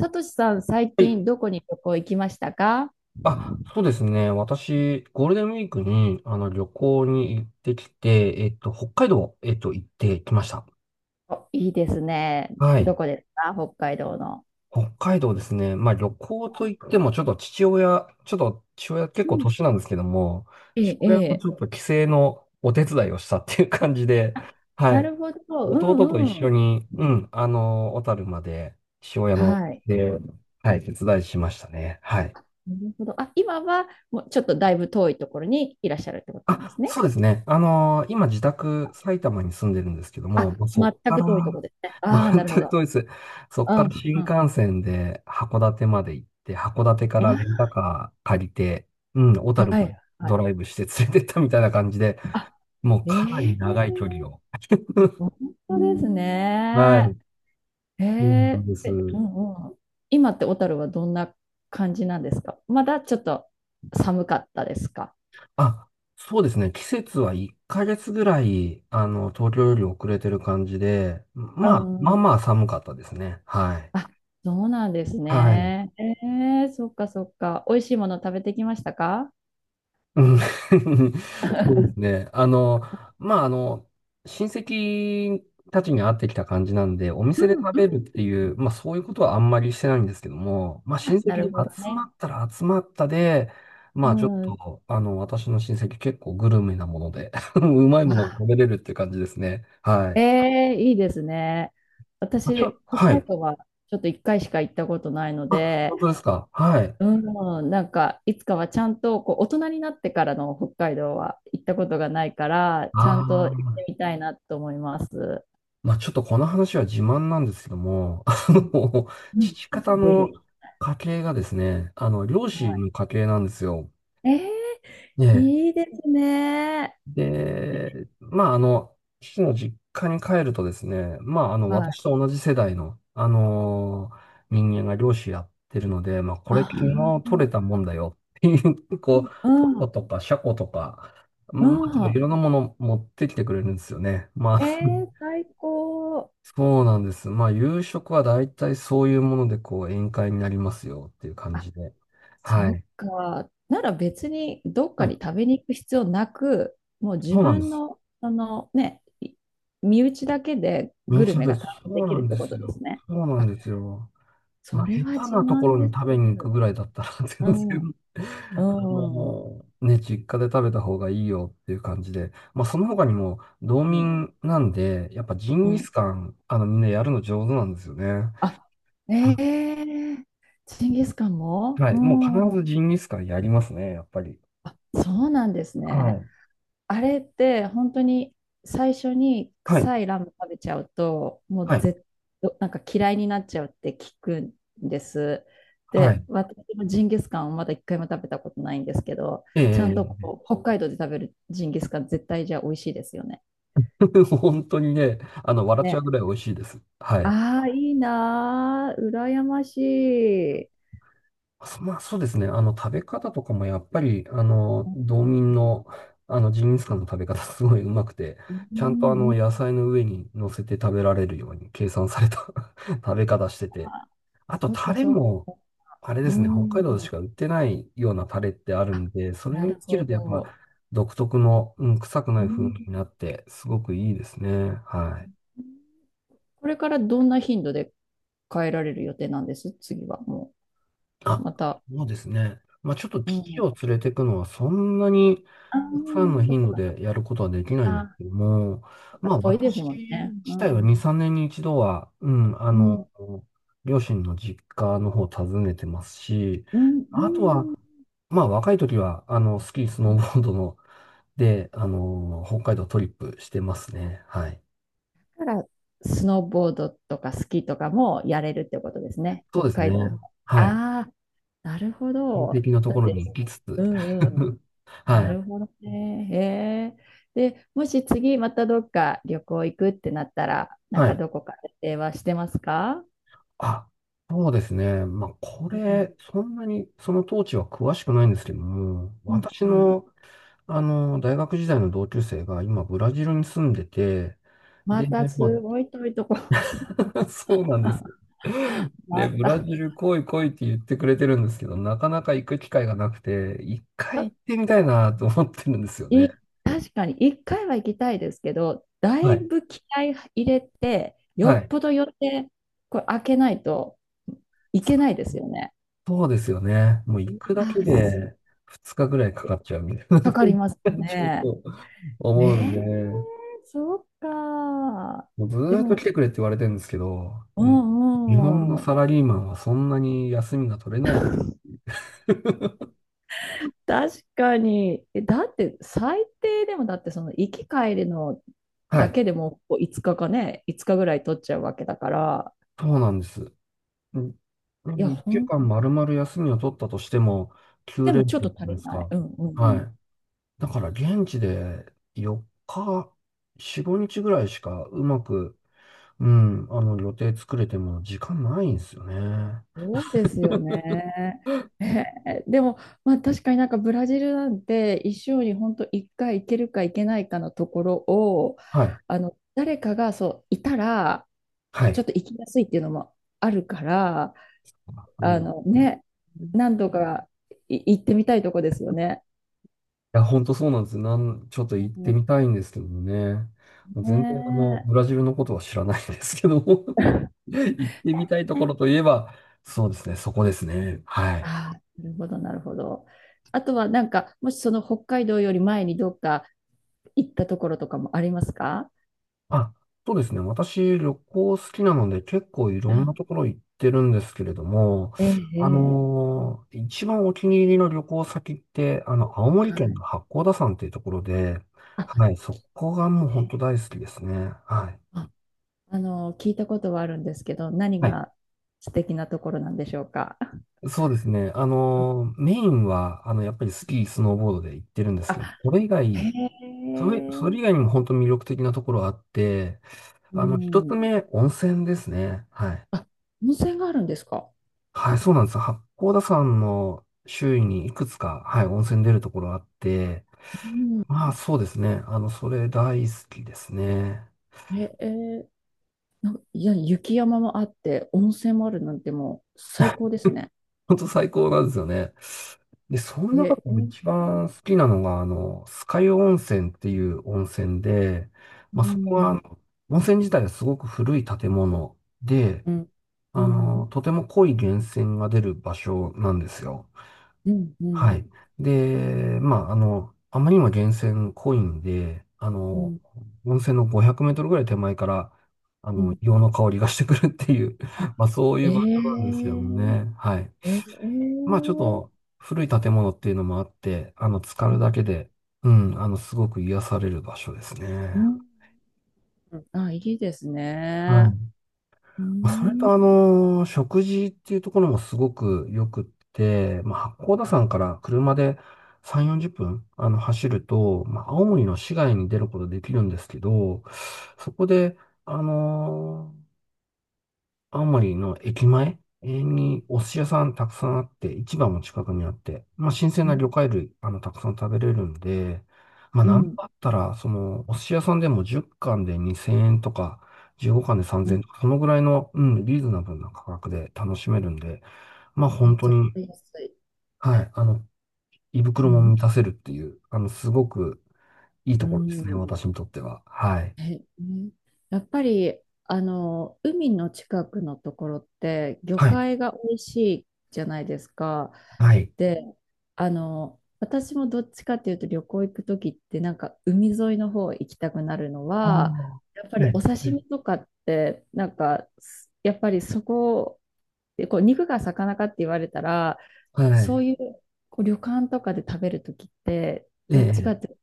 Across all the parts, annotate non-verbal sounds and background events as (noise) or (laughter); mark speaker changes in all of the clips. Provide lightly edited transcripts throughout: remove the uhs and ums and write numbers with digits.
Speaker 1: さとしさん、最
Speaker 2: はい。
Speaker 1: 近どこに旅行行きましたか？
Speaker 2: あ、そうですね。私、ゴールデンウィークに、旅行に行ってきて、北海道、行ってきました。
Speaker 1: お、いいですね。
Speaker 2: は
Speaker 1: ど
Speaker 2: い。
Speaker 1: こですか北海道の。
Speaker 2: 北海道ですね。旅行といっても、ちょっと父親結
Speaker 1: う
Speaker 2: 構
Speaker 1: ん。
Speaker 2: 年なんですけども、
Speaker 1: え
Speaker 2: 父
Speaker 1: え、
Speaker 2: 親
Speaker 1: え
Speaker 2: も
Speaker 1: え。
Speaker 2: ちょっと帰省のお手伝いをしたっていう感じで、
Speaker 1: あ、
Speaker 2: は
Speaker 1: な
Speaker 2: い。
Speaker 1: るほど。う
Speaker 2: 弟と一
Speaker 1: んう
Speaker 2: 緒
Speaker 1: ん。
Speaker 2: に、うん、小樽まで、父親の、
Speaker 1: はい。
Speaker 2: で、はい、手伝いしましたね。はい。
Speaker 1: なるほど。あ、今はもうちょっとだいぶ遠いところにいらっしゃるってことなんで
Speaker 2: あ、
Speaker 1: すね。
Speaker 2: そうですね。今自宅埼玉に住んでるんですけども、
Speaker 1: あ、
Speaker 2: そこ
Speaker 1: 全
Speaker 2: か
Speaker 1: く
Speaker 2: ら、
Speaker 1: 遠いところですね。
Speaker 2: (laughs)
Speaker 1: ああ、
Speaker 2: 全
Speaker 1: なるほ
Speaker 2: く
Speaker 1: ど。
Speaker 2: 遠いです。そこ
Speaker 1: うん、
Speaker 2: から新
Speaker 1: うん。
Speaker 2: 幹線で函館まで行って、函館からレン
Speaker 1: わ
Speaker 2: タカー借りて、うん、小
Speaker 1: あ
Speaker 2: 樽
Speaker 1: は
Speaker 2: まで
Speaker 1: い、は
Speaker 2: ド
Speaker 1: い。
Speaker 2: ライブして連れてったみたいな感じで、
Speaker 1: あ、
Speaker 2: もうかなり
Speaker 1: ええ、
Speaker 2: 長い距離を。(laughs)
Speaker 1: 本当です
Speaker 2: は
Speaker 1: ね。
Speaker 2: い、
Speaker 1: へ
Speaker 2: そうなん
Speaker 1: え、
Speaker 2: です。
Speaker 1: え、うんうん。今って小樽はどんな感じなんですか？まだちょっと寒かったですか？
Speaker 2: あ、そうですね。季節は1ヶ月ぐらい、東京より遅れてる感じで、
Speaker 1: う
Speaker 2: まあ
Speaker 1: ん。
Speaker 2: まあ寒かったですね。はい。
Speaker 1: あ、そうなんです
Speaker 2: はい。
Speaker 1: ね。ええ、そっかそっか。美味しいもの食べてきましたか？
Speaker 2: うん。 (laughs) そうですね。まあ、あの、親戚たちに会ってきた感じなんで、お
Speaker 1: う
Speaker 2: 店で
Speaker 1: ん、う
Speaker 2: 食べる
Speaker 1: ん。
Speaker 2: っていう、そういうことはあんまりしてないんですけども、親
Speaker 1: あ、な
Speaker 2: 戚
Speaker 1: る
Speaker 2: に
Speaker 1: ほど
Speaker 2: 集ま
Speaker 1: ね。
Speaker 2: ったら集まったで、
Speaker 1: う
Speaker 2: ちょっ
Speaker 1: ん。
Speaker 2: と、私の親戚結構グルメなもので、(laughs) うまいものが食べれるっていう感じですね。は
Speaker 1: え
Speaker 2: い。
Speaker 1: えー、いいですね。私、北
Speaker 2: は
Speaker 1: 海
Speaker 2: い。
Speaker 1: 道はちょっと1回しか行ったことないの
Speaker 2: あ、
Speaker 1: で、
Speaker 2: 本当ですか。はい。
Speaker 1: うん、なんか、いつかはちゃんと、こう、大人になってからの北海道は行ったことがないから、ちゃんと
Speaker 2: あ
Speaker 1: 行っ
Speaker 2: あ。
Speaker 1: てみたいなと思います。
Speaker 2: ちょっとこの話は自慢なんですけども、(laughs)
Speaker 1: うん、う
Speaker 2: 父
Speaker 1: ん、
Speaker 2: 方
Speaker 1: ぜ
Speaker 2: の
Speaker 1: ひ。
Speaker 2: 家系がですね、漁師
Speaker 1: は
Speaker 2: の家系なんですよ。
Speaker 1: い。えー、
Speaker 2: ね
Speaker 1: いいですね。
Speaker 2: え。で、父の実家に帰るとですね、
Speaker 1: はい。
Speaker 2: 私と同じ世代の、人間が漁師やってるので、こ
Speaker 1: あ
Speaker 2: れ昨日取れ
Speaker 1: ー、
Speaker 2: たもんだよっていう、こう、
Speaker 1: う
Speaker 2: タコ
Speaker 1: ん、
Speaker 2: とかシャコとか、
Speaker 1: う
Speaker 2: まあ、い
Speaker 1: ん。
Speaker 2: ろんなもの持ってきてくれるんですよね。
Speaker 1: えー、最高。
Speaker 2: そうなんです。夕食は大体そういうもので、こう、宴会になりますよっていう感じで。は
Speaker 1: そっ
Speaker 2: い。
Speaker 1: か。なら別にどっか
Speaker 2: はい。
Speaker 1: に食べに行く必要なく、もう自
Speaker 2: そうなんで
Speaker 1: 分
Speaker 2: す。
Speaker 1: の、そのね、身内だけで
Speaker 2: 身
Speaker 1: グ
Speaker 2: 内
Speaker 1: ル
Speaker 2: なん
Speaker 1: メ
Speaker 2: で
Speaker 1: が
Speaker 2: す。
Speaker 1: 堪能で
Speaker 2: そう
Speaker 1: き
Speaker 2: な
Speaker 1: るっ
Speaker 2: んで
Speaker 1: てこ
Speaker 2: す
Speaker 1: とで
Speaker 2: よ。
Speaker 1: すね。
Speaker 2: そうなん
Speaker 1: あ、
Speaker 2: ですよ。
Speaker 1: それ
Speaker 2: 下
Speaker 1: は
Speaker 2: 手
Speaker 1: 自
Speaker 2: なとこ
Speaker 1: 慢
Speaker 2: ろ
Speaker 1: で
Speaker 2: に食べに行く
Speaker 1: す。
Speaker 2: ぐらいだったら (laughs)
Speaker 1: う
Speaker 2: 全
Speaker 1: ん、う
Speaker 2: 然
Speaker 1: ん、うん。
Speaker 2: ね、実家で食べた方がいいよっていう感じで。その他にも、道民なんで、やっぱジ
Speaker 1: う
Speaker 2: ンギ
Speaker 1: ん
Speaker 2: スカン、みんなやるの上手なんですよね。
Speaker 1: あ、え
Speaker 2: は
Speaker 1: えジンギスカンも
Speaker 2: は
Speaker 1: う
Speaker 2: い。もう必
Speaker 1: ん。
Speaker 2: ずジンギスカンやりますね、やっぱり。
Speaker 1: あ、そうなんです
Speaker 2: は
Speaker 1: ね。
Speaker 2: い。
Speaker 1: あれって本当に最初に
Speaker 2: はい。
Speaker 1: 臭いラム食べちゃうともう
Speaker 2: はい
Speaker 1: なんか嫌いになっちゃうって聞くんです。
Speaker 2: は
Speaker 1: で、
Speaker 2: い。
Speaker 1: 私もジンギスカンをまだ一回も食べたことないんですけど、
Speaker 2: え
Speaker 1: ちゃんと
Speaker 2: え。
Speaker 1: こう北海道で食べるジンギスカン絶対じゃあ美味しいですよね。
Speaker 2: (laughs) 本当にね、笑っちゃう
Speaker 1: ね。
Speaker 2: ぐらい美味しいです。はい。
Speaker 1: ああ、いいなー、羨ましい。
Speaker 2: そまあ、そうですね。食べ方とかもやっぱり、
Speaker 1: うん、
Speaker 2: 道民の、ジンギスカンの食べ方すごいうまくて、
Speaker 1: う
Speaker 2: ちゃんと
Speaker 1: ん
Speaker 2: 野菜の上に乗せて食べられるように計算された (laughs) 食べ方してて、
Speaker 1: あ
Speaker 2: あと、
Speaker 1: そっ
Speaker 2: タ
Speaker 1: か
Speaker 2: レ
Speaker 1: そっ
Speaker 2: も、
Speaker 1: か。
Speaker 2: あれで
Speaker 1: う
Speaker 2: すね、北海
Speaker 1: ん。
Speaker 2: 道でしか売ってないようなタレってある
Speaker 1: あ、
Speaker 2: んで、それ
Speaker 1: なる
Speaker 2: につけ
Speaker 1: ほ
Speaker 2: るとやっぱ、
Speaker 1: ど。
Speaker 2: 独特の、うん、臭くな
Speaker 1: う
Speaker 2: い風味
Speaker 1: ん
Speaker 2: になって、すごくいいですね。はい。
Speaker 1: これからどんな頻度で変えられる予定なんです次はもう。
Speaker 2: あ、
Speaker 1: また。
Speaker 2: そうですね。ちょっと
Speaker 1: う
Speaker 2: 機器
Speaker 1: ん。
Speaker 2: を連れていくのはそんなに
Speaker 1: ああ、
Speaker 2: たくさんの
Speaker 1: そっ
Speaker 2: 頻度
Speaker 1: か。
Speaker 2: でやることはできないん
Speaker 1: あ
Speaker 2: です
Speaker 1: あ、
Speaker 2: けども、
Speaker 1: そっか遠いです
Speaker 2: 私
Speaker 1: もんね。う
Speaker 2: 自体は
Speaker 1: ん。
Speaker 2: 2、3年に一度は、うん、
Speaker 1: うん。
Speaker 2: 両親の実家の方を訪ねてますし、
Speaker 1: う
Speaker 2: あと
Speaker 1: ん。
Speaker 2: は、若い時は、スキー、ス
Speaker 1: う
Speaker 2: ノー
Speaker 1: ん。
Speaker 2: ボードの、で、北海道トリップしてますね。はい。
Speaker 1: だから、スノーボードとかスキーとかもやれるってことですね。
Speaker 2: そう
Speaker 1: 北
Speaker 2: ですね。
Speaker 1: 海道。
Speaker 2: はい。
Speaker 1: ああ、なるほ
Speaker 2: 親
Speaker 1: ど。
Speaker 2: 戚のと
Speaker 1: だ
Speaker 2: こ
Speaker 1: っ
Speaker 2: ろ
Speaker 1: て、
Speaker 2: に行きつつ、
Speaker 1: うんうん。
Speaker 2: (laughs)
Speaker 1: な
Speaker 2: はい。
Speaker 1: るほどね。へえ。で、もし次またどっか旅行行くってなったら、なん
Speaker 2: は
Speaker 1: か
Speaker 2: い。
Speaker 1: どこかで電話してますか？
Speaker 2: あ、そうですね。こ
Speaker 1: うん
Speaker 2: れ、そんなに、その当時は詳しくないんですけども、
Speaker 1: うん。
Speaker 2: 私
Speaker 1: うんう
Speaker 2: の、
Speaker 1: ん
Speaker 2: 大学時代の同級生が今、ブラジルに住んでて、
Speaker 1: ま
Speaker 2: で、
Speaker 1: た
Speaker 2: まあ、
Speaker 1: すごい遠いとこ。
Speaker 2: (laughs) そうなんです。
Speaker 1: (laughs)
Speaker 2: で、
Speaker 1: ま
Speaker 2: ブ
Speaker 1: た。ち
Speaker 2: ラジル来い来いって言ってくれてるんですけど、なかなか行く機会がなくて、一
Speaker 1: ょ
Speaker 2: 回
Speaker 1: っ
Speaker 2: 行ってみ
Speaker 1: と
Speaker 2: たいなと思ってるんですよね。
Speaker 1: い、確かに一回は行きたいですけど、だ
Speaker 2: は
Speaker 1: い
Speaker 2: い。
Speaker 1: ぶ気合入れて、よ
Speaker 2: は
Speaker 1: っ
Speaker 2: い。
Speaker 1: ぽど予定、これ開けないといけないですよね。
Speaker 2: そうですよね。もう行くだ
Speaker 1: あ
Speaker 2: け
Speaker 1: ー
Speaker 2: で2日ぐらいかかっちゃうみたい
Speaker 1: か
Speaker 2: に
Speaker 1: かります
Speaker 2: ちゃう
Speaker 1: ね。
Speaker 2: と
Speaker 1: え
Speaker 2: 思うん
Speaker 1: え
Speaker 2: で。
Speaker 1: そうか。
Speaker 2: もうず
Speaker 1: で
Speaker 2: ーっと
Speaker 1: も、
Speaker 2: 来てくれって言われてるんですけど、
Speaker 1: う
Speaker 2: うん、日本の
Speaker 1: んうん。
Speaker 2: サラリーマンはそんなに休みが取れない。(laughs)
Speaker 1: 確かに。えだって最低でもだってその行き帰りの
Speaker 2: は
Speaker 1: だ
Speaker 2: い。
Speaker 1: けでもこう5日かかね、5日ぐらい取っちゃうわけだから、
Speaker 2: そうなんです。うん、
Speaker 1: いや、
Speaker 2: 1週間丸々休みを取ったとしても、
Speaker 1: でもち
Speaker 2: 連
Speaker 1: ょっ
Speaker 2: 休
Speaker 1: と
Speaker 2: じゃ
Speaker 1: 足
Speaker 2: ない
Speaker 1: り
Speaker 2: です
Speaker 1: ない。
Speaker 2: か。
Speaker 1: うんうん
Speaker 2: は
Speaker 1: うん。
Speaker 2: い。だから現地で4日、4、5日ぐらいしかうまく、うん、予定作れても時間ないんですよね。
Speaker 1: そうですよね。えーでも、まあ確かになんかブラジルなんて一生に本当1回行けるか行けないかのところを、
Speaker 2: はい。
Speaker 1: あの、誰かがそう、いたら、
Speaker 2: は
Speaker 1: ちょ
Speaker 2: い。
Speaker 1: っと行きやすいっていうのもあるから、あのね、何度か行ってみたいとこですよね。
Speaker 2: いや、ほんとそうなんです。ちょっと行って
Speaker 1: も
Speaker 2: みたいんですけどもね。
Speaker 1: う
Speaker 2: もう全然
Speaker 1: ね。
Speaker 2: ブラジルのことは知らないんですけども (laughs)
Speaker 1: (laughs)
Speaker 2: 行ってみたいところといえば、そうですね、そこですね。はい。
Speaker 1: ああ、なるほど、なるほど。あとはなんか、もしその北海道より前にどっか行ったところとかもありますか？
Speaker 2: あ、そうですね。私、旅行好きなので、結構い
Speaker 1: う
Speaker 2: ろんな
Speaker 1: ん
Speaker 2: ところ行ってるんですけれども、
Speaker 1: ええ、ええ
Speaker 2: 一番お気に入りの旅行先って、青森
Speaker 1: は
Speaker 2: 県
Speaker 1: い。
Speaker 2: の八甲田山っていうところで、
Speaker 1: あ、
Speaker 2: はい、そこがもう本当
Speaker 1: え
Speaker 2: 大好きですね。はい。
Speaker 1: ああの、聞いたことはあるんですけど、何
Speaker 2: はい。
Speaker 1: が素敵なところなんでしょうか。
Speaker 2: そうですね。
Speaker 1: うん
Speaker 2: メインは、やっぱりスキー、スノーボードで行ってるんです
Speaker 1: あ、
Speaker 2: けど、
Speaker 1: へえ、
Speaker 2: それ以外にも本当に魅力的なところあって、
Speaker 1: う
Speaker 2: 一つ
Speaker 1: ん。
Speaker 2: 目、温泉ですね。はい。
Speaker 1: あ、温泉があるんですか？
Speaker 2: はい、そうなんですよ。八甲田山の周囲にいくつか、はい、温泉出るところあって、
Speaker 1: うん。
Speaker 2: そうですね。それ大好きですね。
Speaker 1: ええいや、雪山もあって、温泉もあるなんてもう最高ですね。
Speaker 2: 本当最高なんですよね。で、その
Speaker 1: え、
Speaker 2: 中で
Speaker 1: え
Speaker 2: も
Speaker 1: ー
Speaker 2: 一番好きなのが、酸ヶ湯温泉っていう温泉で、
Speaker 1: う
Speaker 2: そこ
Speaker 1: ん、
Speaker 2: は、温泉自体がすごく古い建物で、
Speaker 1: うん、うん、
Speaker 2: とても濃い源泉が出る場所なんですよ。
Speaker 1: うん、う
Speaker 2: は
Speaker 1: ん、
Speaker 2: い。で、あまりにも源泉濃いんで、
Speaker 1: うん、
Speaker 2: 温泉の500メートルぐらい手前から、
Speaker 1: う
Speaker 2: 硫
Speaker 1: ん。
Speaker 2: 黄の香りがしてくるっていう、
Speaker 1: あ、
Speaker 2: (laughs) そうい
Speaker 1: え
Speaker 2: う場所なんですよ
Speaker 1: ー、
Speaker 2: ね。はい。
Speaker 1: えー、え
Speaker 2: ちょっと
Speaker 1: ー
Speaker 2: 古い建物っていうのもあって、浸か
Speaker 1: う
Speaker 2: る
Speaker 1: ん、
Speaker 2: だけで、うん、すごく癒される場所ですね。
Speaker 1: うんあ、いいです
Speaker 2: は
Speaker 1: ね。
Speaker 2: い。
Speaker 1: う
Speaker 2: それ
Speaker 1: ん、
Speaker 2: と食事っていうところもすごく良くって、八甲田山から車で3、40分、走ると、青森の市街に出ることできるんですけど、そこで、あの青森の駅前にお寿司屋さんたくさんあって、市場も近くにあって、新鮮
Speaker 1: う
Speaker 2: な
Speaker 1: ん、
Speaker 2: 魚介類、たくさん食べれるんで、
Speaker 1: う
Speaker 2: なん
Speaker 1: ん、
Speaker 2: だったら、その、お寿司屋さんでも10貫で2000円とか、15貫で
Speaker 1: う
Speaker 2: 3000円
Speaker 1: ん
Speaker 2: とか、そのぐらいの、うん、リーズナブルな価格で楽しめるんで、
Speaker 1: めっ
Speaker 2: 本当
Speaker 1: ちゃ
Speaker 2: に、
Speaker 1: 買いやすい。
Speaker 2: はい、胃
Speaker 1: う
Speaker 2: 袋も
Speaker 1: ん、
Speaker 2: 満たせるっていう、すごくいい
Speaker 1: う
Speaker 2: ところですね、
Speaker 1: ん、
Speaker 2: 私にとっては。はい。
Speaker 1: え、うんやっぱり、あの、海の近くのところって、魚
Speaker 2: はい。
Speaker 1: 介が美味しいじゃないですか。
Speaker 2: はい。
Speaker 1: で、あの、私もどっちかっていうと旅行行くときってなんか海沿いの方行きたくなるの
Speaker 2: あ
Speaker 1: は、
Speaker 2: あ。
Speaker 1: やっぱり
Speaker 2: ね、
Speaker 1: お刺
Speaker 2: ね。
Speaker 1: 身とかってなんかやっぱりそこでこう肉が魚かって言われたら
Speaker 2: は
Speaker 1: そ
Speaker 2: い。
Speaker 1: ういうこう旅館とかで食べるときって、
Speaker 2: え
Speaker 1: どっちか
Speaker 2: え。
Speaker 1: っていうと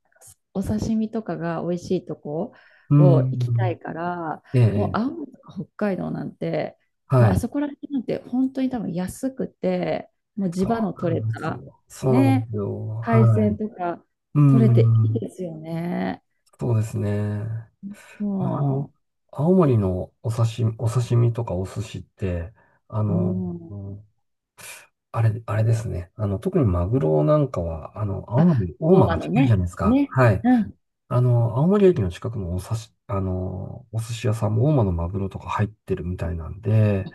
Speaker 1: お刺身とかが美味しいとこ
Speaker 2: う
Speaker 1: を行きた
Speaker 2: ん。
Speaker 1: いから、
Speaker 2: え
Speaker 1: もう
Speaker 2: え、
Speaker 1: 青森とか北海道なんて、もう
Speaker 2: は
Speaker 1: あ
Speaker 2: い。
Speaker 1: そこら辺なんて本当に多分安くて、もう地
Speaker 2: そ
Speaker 1: 場の
Speaker 2: うな
Speaker 1: 取れ
Speaker 2: んです
Speaker 1: た、
Speaker 2: よ。そうなんで
Speaker 1: ね、
Speaker 2: すよ。
Speaker 1: 海
Speaker 2: は
Speaker 1: 鮮
Speaker 2: い。
Speaker 1: とか
Speaker 2: う
Speaker 1: 取れていい
Speaker 2: ん。
Speaker 1: ですよね。
Speaker 2: そうですね。まあ、あの、
Speaker 1: も
Speaker 2: 青森のお刺身とかお寿司って、あ
Speaker 1: う、
Speaker 2: の、
Speaker 1: うん。
Speaker 2: あれ、あれですね。特にマグロなんかは、青
Speaker 1: あ、
Speaker 2: 森、大
Speaker 1: 大
Speaker 2: 間
Speaker 1: 間
Speaker 2: が
Speaker 1: の
Speaker 2: 近いじゃ
Speaker 1: ね、
Speaker 2: ないですか。
Speaker 1: ね、
Speaker 2: はい。
Speaker 1: うん、
Speaker 2: 青森駅の近くのお刺し、あの、お寿司屋さんも大間のマグロとか入ってるみたいなんで、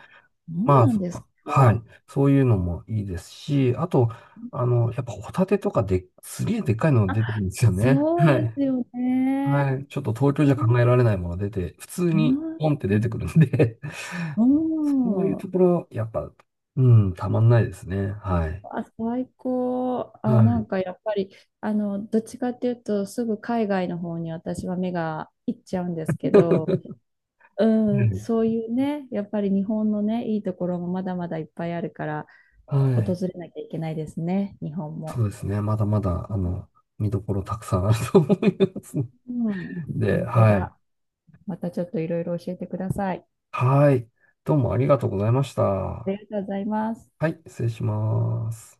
Speaker 1: そう
Speaker 2: まあ、
Speaker 1: なん
Speaker 2: そ
Speaker 1: です
Speaker 2: は
Speaker 1: か？
Speaker 2: い。そういうのもいいですし、あと、やっぱホタテとかで、すげえでっかいの
Speaker 1: あ
Speaker 2: 出てるんですよね。
Speaker 1: そう
Speaker 2: は
Speaker 1: で
Speaker 2: い。
Speaker 1: すよね。
Speaker 2: はい。ちょっと東京
Speaker 1: う
Speaker 2: じゃ
Speaker 1: ん
Speaker 2: 考えられないもの出て、普通
Speaker 1: う
Speaker 2: に
Speaker 1: ん、
Speaker 2: ポンって出てくるんで
Speaker 1: う
Speaker 2: (laughs) そういうとこ
Speaker 1: ん
Speaker 2: ろ、やっぱ、うん、たまんないですね。はい。
Speaker 1: あ、最高。あ、
Speaker 2: は
Speaker 1: なん
Speaker 2: い。
Speaker 1: かやっぱり、あの、どっちかっていうと、すぐ海外の方に私は目がいっちゃうんですけど、
Speaker 2: う
Speaker 1: うん、
Speaker 2: ん。
Speaker 1: そういうね、やっぱり日本のね、いいところもまだまだいっぱいあるから、
Speaker 2: はい。は
Speaker 1: 訪
Speaker 2: い。
Speaker 1: れなきゃいけないですね、日本
Speaker 2: そ
Speaker 1: も。
Speaker 2: うですね。まだまだ、見どころたくさんあると思いますの
Speaker 1: うん、
Speaker 2: で、
Speaker 1: 本当
Speaker 2: はい。
Speaker 1: だ。またちょっといろいろ教えてください。
Speaker 2: はい。どうもありがとうございました。
Speaker 1: あ
Speaker 2: は
Speaker 1: りがとうございます。
Speaker 2: い。失礼します。